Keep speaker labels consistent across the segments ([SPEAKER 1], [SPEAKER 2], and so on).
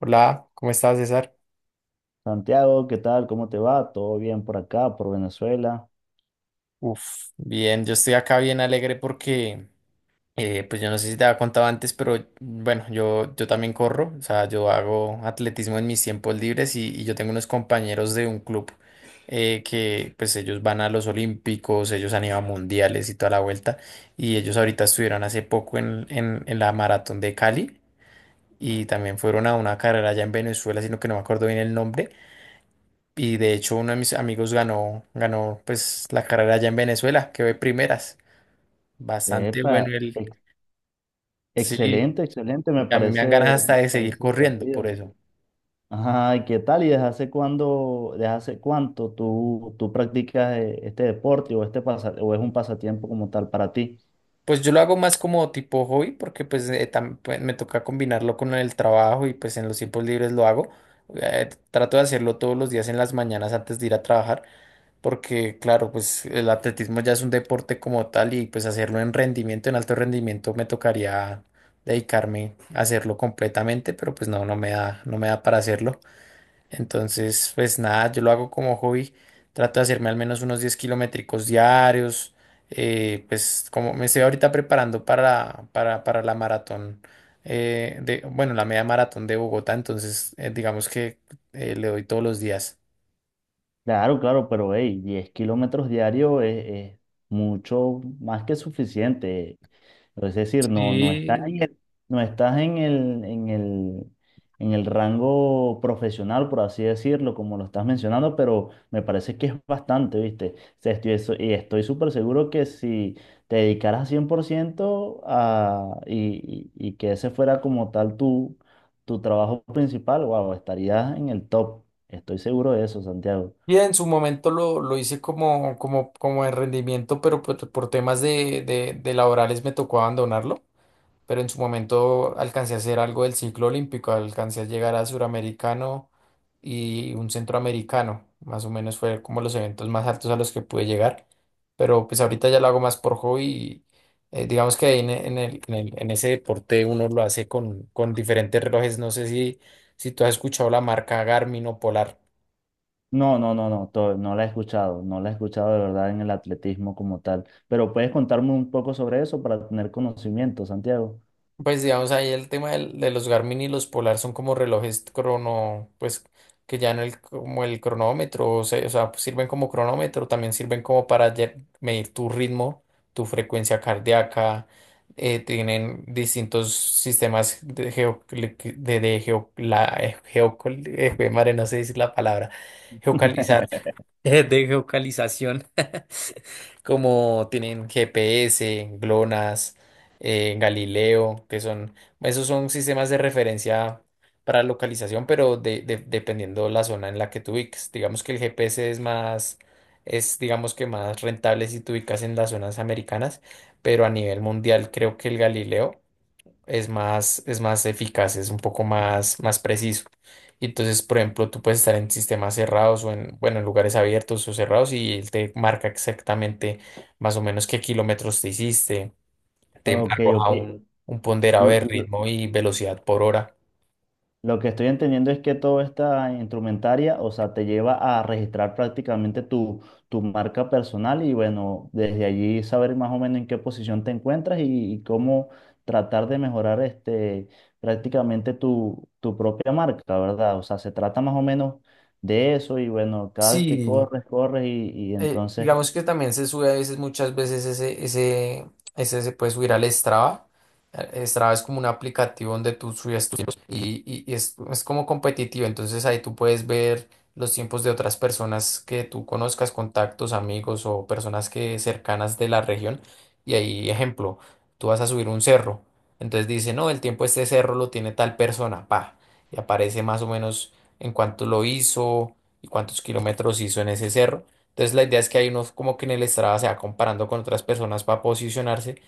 [SPEAKER 1] Hola, ¿cómo estás, César?
[SPEAKER 2] Santiago, ¿qué tal? ¿Cómo te va? ¿Todo bien por acá, por Venezuela?
[SPEAKER 1] Uf, bien, yo estoy acá bien alegre porque, pues yo no sé si te había contado antes, pero bueno, yo también corro, o sea, yo hago atletismo en mis tiempos libres y yo tengo unos compañeros de un club que pues ellos van a los Olímpicos, ellos han ido a mundiales y toda la vuelta, y ellos ahorita estuvieron hace poco en la maratón de Cali, y también fueron a una carrera allá en Venezuela, sino que no me acuerdo bien el nombre. Y de hecho uno de mis amigos ganó, ganó pues la carrera allá en Venezuela, que de primeras. Bastante
[SPEAKER 2] Epa,
[SPEAKER 1] bueno él.
[SPEAKER 2] ex-
[SPEAKER 1] Sí,
[SPEAKER 2] excelente, excelente,
[SPEAKER 1] a mí me dan ganas hasta
[SPEAKER 2] me
[SPEAKER 1] de seguir
[SPEAKER 2] parece
[SPEAKER 1] corriendo por
[SPEAKER 2] divertido.
[SPEAKER 1] eso.
[SPEAKER 2] Ajá, ¿y qué tal? ¿Y desde hace cuándo, desde hace cuánto tú practicas este deporte o este o es un pasatiempo como tal para ti?
[SPEAKER 1] Pues yo lo hago más como tipo hobby porque pues, pues, me toca combinarlo con el trabajo y pues en los tiempos libres lo hago. Trato de hacerlo todos los días en las mañanas antes de ir a trabajar, porque claro, pues el atletismo ya es un deporte como tal y pues hacerlo en rendimiento, en alto rendimiento, me tocaría dedicarme a hacerlo completamente, pero pues no, no me da, no me da para hacerlo. Entonces, pues nada, yo lo hago como hobby, trato de hacerme al menos unos 10 kilométricos diarios, pues como me estoy ahorita preparando para la maratón. Bueno, la media maratón de Bogotá, entonces digamos que le doy todos los días.
[SPEAKER 2] Claro, claro, pero hey, 10 kilómetros diarios es mucho más que suficiente. Es decir, no estás
[SPEAKER 1] Sí.
[SPEAKER 2] en no estás en en el rango profesional, por así decirlo, como lo estás mencionando, pero me parece que es bastante, ¿viste? O sea, estoy, eso- y estoy súper seguro que si te dedicaras 100% a, y que ese fuera como tal tu trabajo principal, wow, estarías en el top. Estoy seguro de eso, Santiago.
[SPEAKER 1] Y en su momento lo hice como en rendimiento, pero por temas de laborales me tocó abandonarlo. Pero en su momento alcancé a hacer algo del ciclo olímpico, alcancé a llegar a suramericano y un centroamericano. Más o menos fue como los eventos más altos a los que pude llegar. Pero pues ahorita ya lo hago más por hobby. Y, digamos que ahí en el, en el- en ese deporte uno lo hace con diferentes relojes. No sé si, si tú has escuchado la marca Garmin o Polar.
[SPEAKER 2] No, no, no, no. No la he escuchado, no la he escuchado de verdad en el atletismo como tal, pero puedes contarme un poco sobre eso para tener conocimiento, Santiago.
[SPEAKER 1] Pues digamos ahí el de los Garmin y los Polar son como relojes crono, pues que ya no el, como el cronómetro, o sea, sirven como cronómetro, también sirven como para medir tu ritmo, tu frecuencia cardíaca, tienen distintos sistemas de, geo, jue madre, no sé decir la palabra, geocalizar, de geocalización, como tienen GPS, GLONASS, Galileo, que son, esos son sistemas de referencia para localización, pero dependiendo la zona en la que te ubiques. Digamos que el GPS es más, es digamos que más rentable si te ubicas en las zonas americanas, pero a nivel mundial creo que el Galileo es más eficaz, es un poco más, más preciso. Y entonces, por ejemplo, tú puedes estar en sistemas cerrados o en, bueno, en lugares abiertos o cerrados y él te marca exactamente más o menos qué kilómetros te hiciste, te
[SPEAKER 2] Ok,
[SPEAKER 1] arroja
[SPEAKER 2] ok.
[SPEAKER 1] un ponderado
[SPEAKER 2] L-
[SPEAKER 1] de
[SPEAKER 2] l-
[SPEAKER 1] ritmo y velocidad por hora.
[SPEAKER 2] Lo que estoy entendiendo es que toda esta instrumentaria, o sea, te lleva a registrar prácticamente tu marca personal y bueno, desde allí saber más o menos en qué posición te encuentras y cómo tratar de mejorar este, prácticamente tu propia marca, ¿verdad? O sea, se trata más o menos de eso y bueno, cada vez que
[SPEAKER 1] Sí,
[SPEAKER 2] corres, corres y entonces
[SPEAKER 1] digamos que también se sube a veces, muchas veces ese se puede subir al Strava. Strava es como un aplicativo donde tú subes tus tiempos y es como competitivo. Entonces ahí tú puedes ver los tiempos de otras personas que tú conozcas, contactos, amigos o personas que cercanas de la región. Y ahí, ejemplo, tú vas a subir un cerro. Entonces dice, no, el tiempo de este cerro lo tiene tal persona, pa. Y aparece más o menos en cuánto lo hizo y cuántos kilómetros hizo en ese cerro. Entonces la idea es que hay uno como que en el Strava se va comparando con otras personas para posicionarse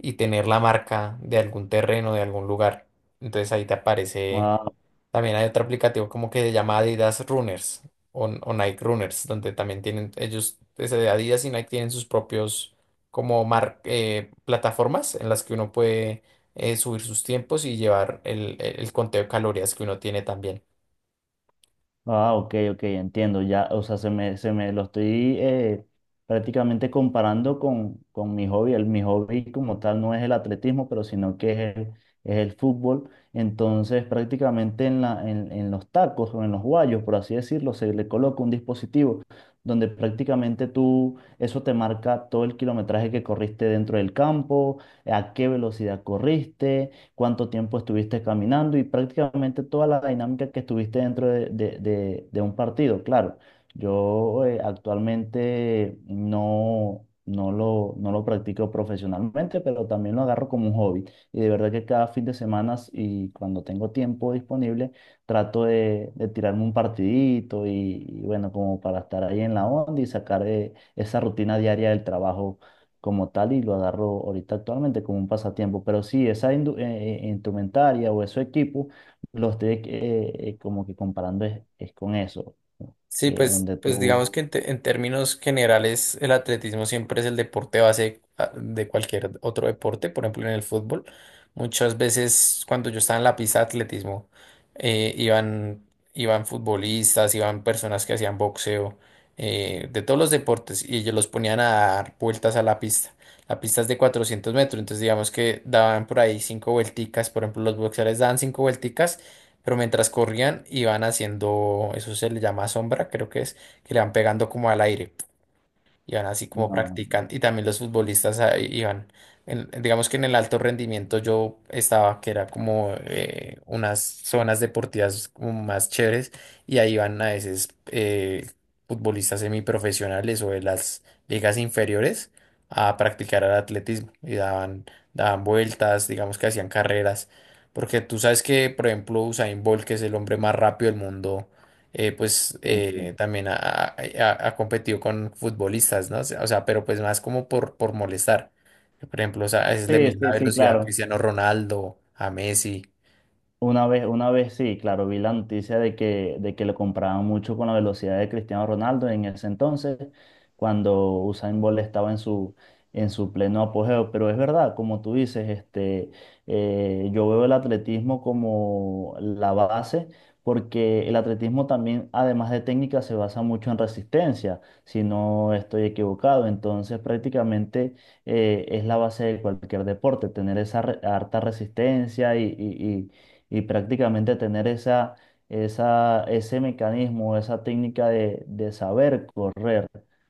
[SPEAKER 1] y tener la marca de algún terreno, de algún lugar. Entonces ahí te aparece,
[SPEAKER 2] ah.
[SPEAKER 1] también hay otro aplicativo como que se llama Adidas Runners o Nike Runners, donde también tienen ellos, desde Adidas y Nike tienen sus propios como plataformas en las que uno puede subir sus tiempos y llevar el conteo de calorías que uno tiene también.
[SPEAKER 2] Ah, ok, ok, entiendo. Ya, o sea, se me lo estoy prácticamente comparando con mi hobby. El, mi hobby como tal no es el atletismo, pero sino que es el fútbol. Entonces, prácticamente en en los tacos o en los guayos, por así decirlo, se le coloca un dispositivo donde prácticamente tú, eso te marca todo el kilometraje que corriste dentro del campo, a qué velocidad corriste, cuánto tiempo estuviste caminando y prácticamente toda la dinámica que estuviste dentro de, de un partido. Claro, yo actualmente no lo practico profesionalmente, pero también lo agarro como un hobby. Y de verdad que cada fin de semana y cuando tengo tiempo disponible, trato de tirarme un partidito y bueno, como para estar ahí en la onda y sacar esa rutina diaria del trabajo como tal y lo agarro ahorita actualmente como un pasatiempo. Pero sí, esa instrumentaria o esos equipo los estoy como que comparando es con eso, ¿no?
[SPEAKER 1] Sí, pues,
[SPEAKER 2] Donde
[SPEAKER 1] pues
[SPEAKER 2] tú...
[SPEAKER 1] digamos que en términos generales el atletismo siempre es el deporte base ah, de cualquier otro deporte, por ejemplo en el fútbol. Muchas veces cuando yo estaba en la pista de atletismo, eh, iban, iban futbolistas, iban personas que hacían boxeo, de todos los deportes y ellos los ponían a dar vueltas a la pista. La pista es de 400 metros, entonces digamos que daban por ahí cinco vuelticas, por ejemplo los boxeadores daban cinco vuelticas. Pero mientras corrían, iban haciendo, eso se le llama sombra, creo que es, que le van pegando como al aire, iban así como
[SPEAKER 2] No,
[SPEAKER 1] practican. Y también los futbolistas ah, iban, digamos que en el alto rendimiento yo estaba, que era como unas zonas deportivas como más chéveres, y ahí iban a veces futbolistas semiprofesionales o de las ligas inferiores a practicar el atletismo y daban, daban vueltas, digamos que hacían carreras. Porque tú sabes que, por ejemplo, Usain Bolt, que es el hombre más rápido del mundo,
[SPEAKER 2] sí, sí,
[SPEAKER 1] también ha competido con futbolistas, ¿no? Pero pues más como por molestar. Por ejemplo, o sea, a veces le
[SPEAKER 2] sí,
[SPEAKER 1] mide la
[SPEAKER 2] sí, sí,
[SPEAKER 1] velocidad a
[SPEAKER 2] claro.
[SPEAKER 1] Cristiano Ronaldo, a Messi.
[SPEAKER 2] Una vez sí, claro, vi la noticia de que lo comparaban mucho con la velocidad de Cristiano Ronaldo en ese entonces, cuando Usain Bolt estaba en su pleno apogeo. Pero es verdad, como tú dices, este, yo veo el atletismo como la base, porque el atletismo también, además de técnica, se basa mucho en resistencia, si no estoy equivocado. Entonces, prácticamente es la base de cualquier deporte, tener esa harta resistencia y prácticamente tener ese mecanismo, esa técnica de saber correr.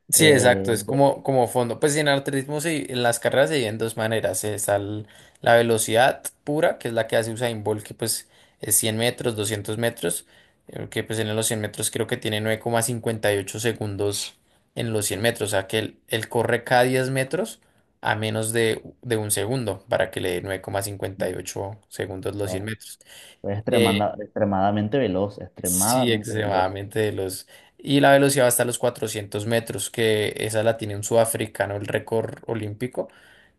[SPEAKER 1] Sí, exacto,
[SPEAKER 2] eh,
[SPEAKER 1] es
[SPEAKER 2] de-
[SPEAKER 1] como, como fondo. Pues en atletismo en las carreras se dividen en dos maneras. La velocidad pura, que es la que hace Usain Bolt, que pues es 100 metros, 200 metros, que pues en los 100 metros creo que tiene 9,58 segundos en los 100 metros, o sea que él corre cada 10 metros a menos de un segundo para que le dé 9,58 segundos los 100
[SPEAKER 2] no,
[SPEAKER 1] metros.
[SPEAKER 2] es
[SPEAKER 1] Eh,
[SPEAKER 2] extremadamente veloz,
[SPEAKER 1] Sí,
[SPEAKER 2] extremadamente veloz.
[SPEAKER 1] extremadamente veloz. Y la velocidad va hasta los 400 metros, que esa la tiene un sudafricano, el récord olímpico,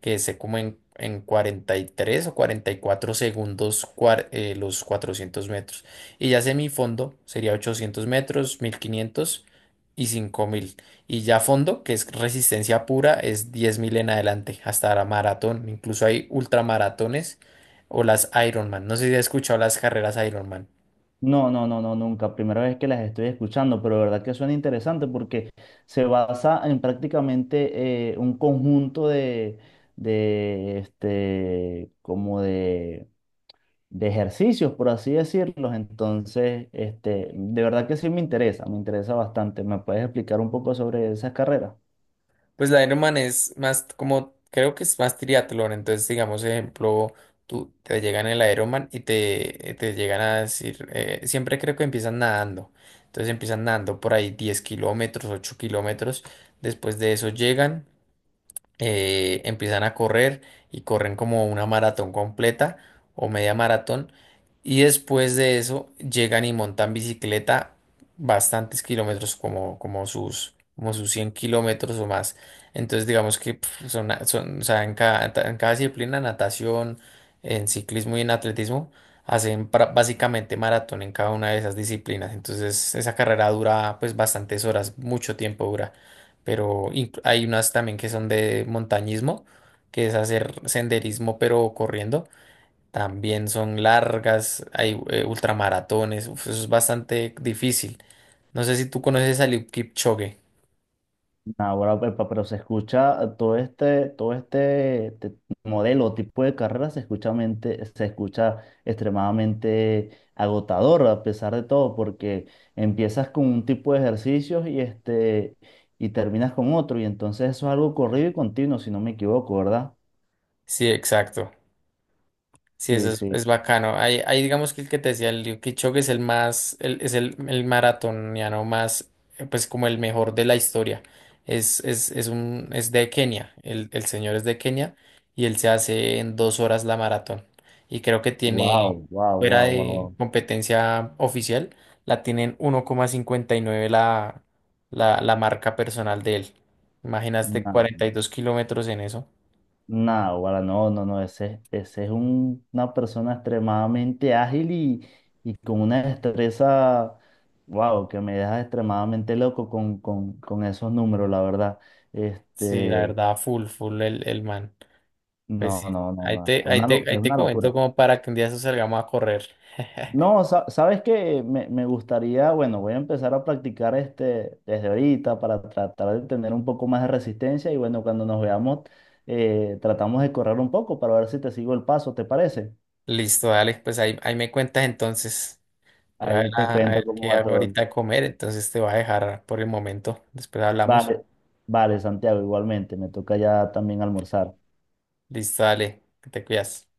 [SPEAKER 1] que se como en 43 o 44 segundos los 400 metros. Y ya semifondo sería 800 metros, 1500 y 5000. Y ya fondo, que es resistencia pura, es 10.000 en adelante, hasta la maratón. Incluso hay ultramaratones o las Ironman. No sé si has escuchado las carreras Ironman.
[SPEAKER 2] No, no, no, no, nunca. Primera vez que las estoy escuchando, pero de verdad que suena interesante porque se basa en prácticamente un conjunto de, este, como de ejercicios, por así decirlos. Entonces, este, de verdad que sí me interesa bastante. ¿Me puedes explicar un poco sobre esas carreras?
[SPEAKER 1] Pues la Ironman es más como, creo que es más triatlón, entonces digamos, ejemplo, tú te llegan el Ironman y te llegan a decir, siempre creo que empiezan nadando, entonces empiezan nadando por ahí 10 kilómetros, 8 kilómetros, después de eso llegan empiezan a correr y corren como una maratón completa o media maratón y después de eso llegan y montan bicicleta bastantes kilómetros como, como sus 100 kilómetros o más. Entonces digamos que pf, son, son, o sea, en cada disciplina, natación, en ciclismo y en atletismo, hacen básicamente maratón en cada una de esas disciplinas. Entonces esa carrera dura pues bastantes horas, mucho tiempo dura, pero hay unas también que son de montañismo, que es hacer senderismo pero corriendo. También son largas, hay ultramaratones, uf, eso es bastante difícil. No sé si tú conoces a Eliud Kipchoge.
[SPEAKER 2] Ahora, pepa, pero se escucha todo este, todo modelo, tipo de carrera, se escucha, se escucha extremadamente agotador a pesar de todo, porque empiezas con un tipo de ejercicios y este... Y terminas con otro, y entonces eso es algo corrido y continuo, si no me equivoco, ¿verdad?
[SPEAKER 1] Sí, exacto. Sí, eso
[SPEAKER 2] Sí, sí.
[SPEAKER 1] es bacano. Ahí digamos que el que te decía, el Liu Kipchoge es el más, es el maratoniano más, pues como el mejor de la historia. Es de Kenia, el señor es de Kenia y él se hace en 2 horas la maratón. Y creo que tiene,
[SPEAKER 2] Wow, wow,
[SPEAKER 1] fuera
[SPEAKER 2] wow,
[SPEAKER 1] de
[SPEAKER 2] wow.
[SPEAKER 1] competencia oficial, la tienen 1,59 la marca personal de él. Imaginaste
[SPEAKER 2] No,
[SPEAKER 1] 42 kilómetros en eso.
[SPEAKER 2] no, guara, no, no, no, ese, una persona extremadamente ágil y con una destreza, wow, que me deja extremadamente loco con esos números, la verdad.
[SPEAKER 1] Sí, la
[SPEAKER 2] Este,
[SPEAKER 1] verdad, full, full el man. Pues sí,
[SPEAKER 2] no, no, no,
[SPEAKER 1] ahí
[SPEAKER 2] no,
[SPEAKER 1] te, ahí
[SPEAKER 2] una,
[SPEAKER 1] te,
[SPEAKER 2] es
[SPEAKER 1] ahí te
[SPEAKER 2] una
[SPEAKER 1] comento
[SPEAKER 2] locura.
[SPEAKER 1] como para que un día de salgamos a correr.
[SPEAKER 2] No, sabes que me gustaría, bueno, voy a empezar a practicar este desde ahorita para tratar de tener un poco más de resistencia y bueno, cuando nos veamos, tratamos de correr un poco para ver si te sigo el paso, ¿te parece?
[SPEAKER 1] Listo, dale, pues ahí me cuentas entonces. Yo voy a ver,
[SPEAKER 2] Ahí te
[SPEAKER 1] a
[SPEAKER 2] cuento
[SPEAKER 1] ver
[SPEAKER 2] cómo
[SPEAKER 1] qué
[SPEAKER 2] va
[SPEAKER 1] hago
[SPEAKER 2] todo.
[SPEAKER 1] ahorita de comer, entonces te voy a dejar por el momento. Después hablamos.
[SPEAKER 2] Vale, vale, Santiago, igualmente, me toca ya también almorzar.
[SPEAKER 1] Listo, dale, que te cuidas.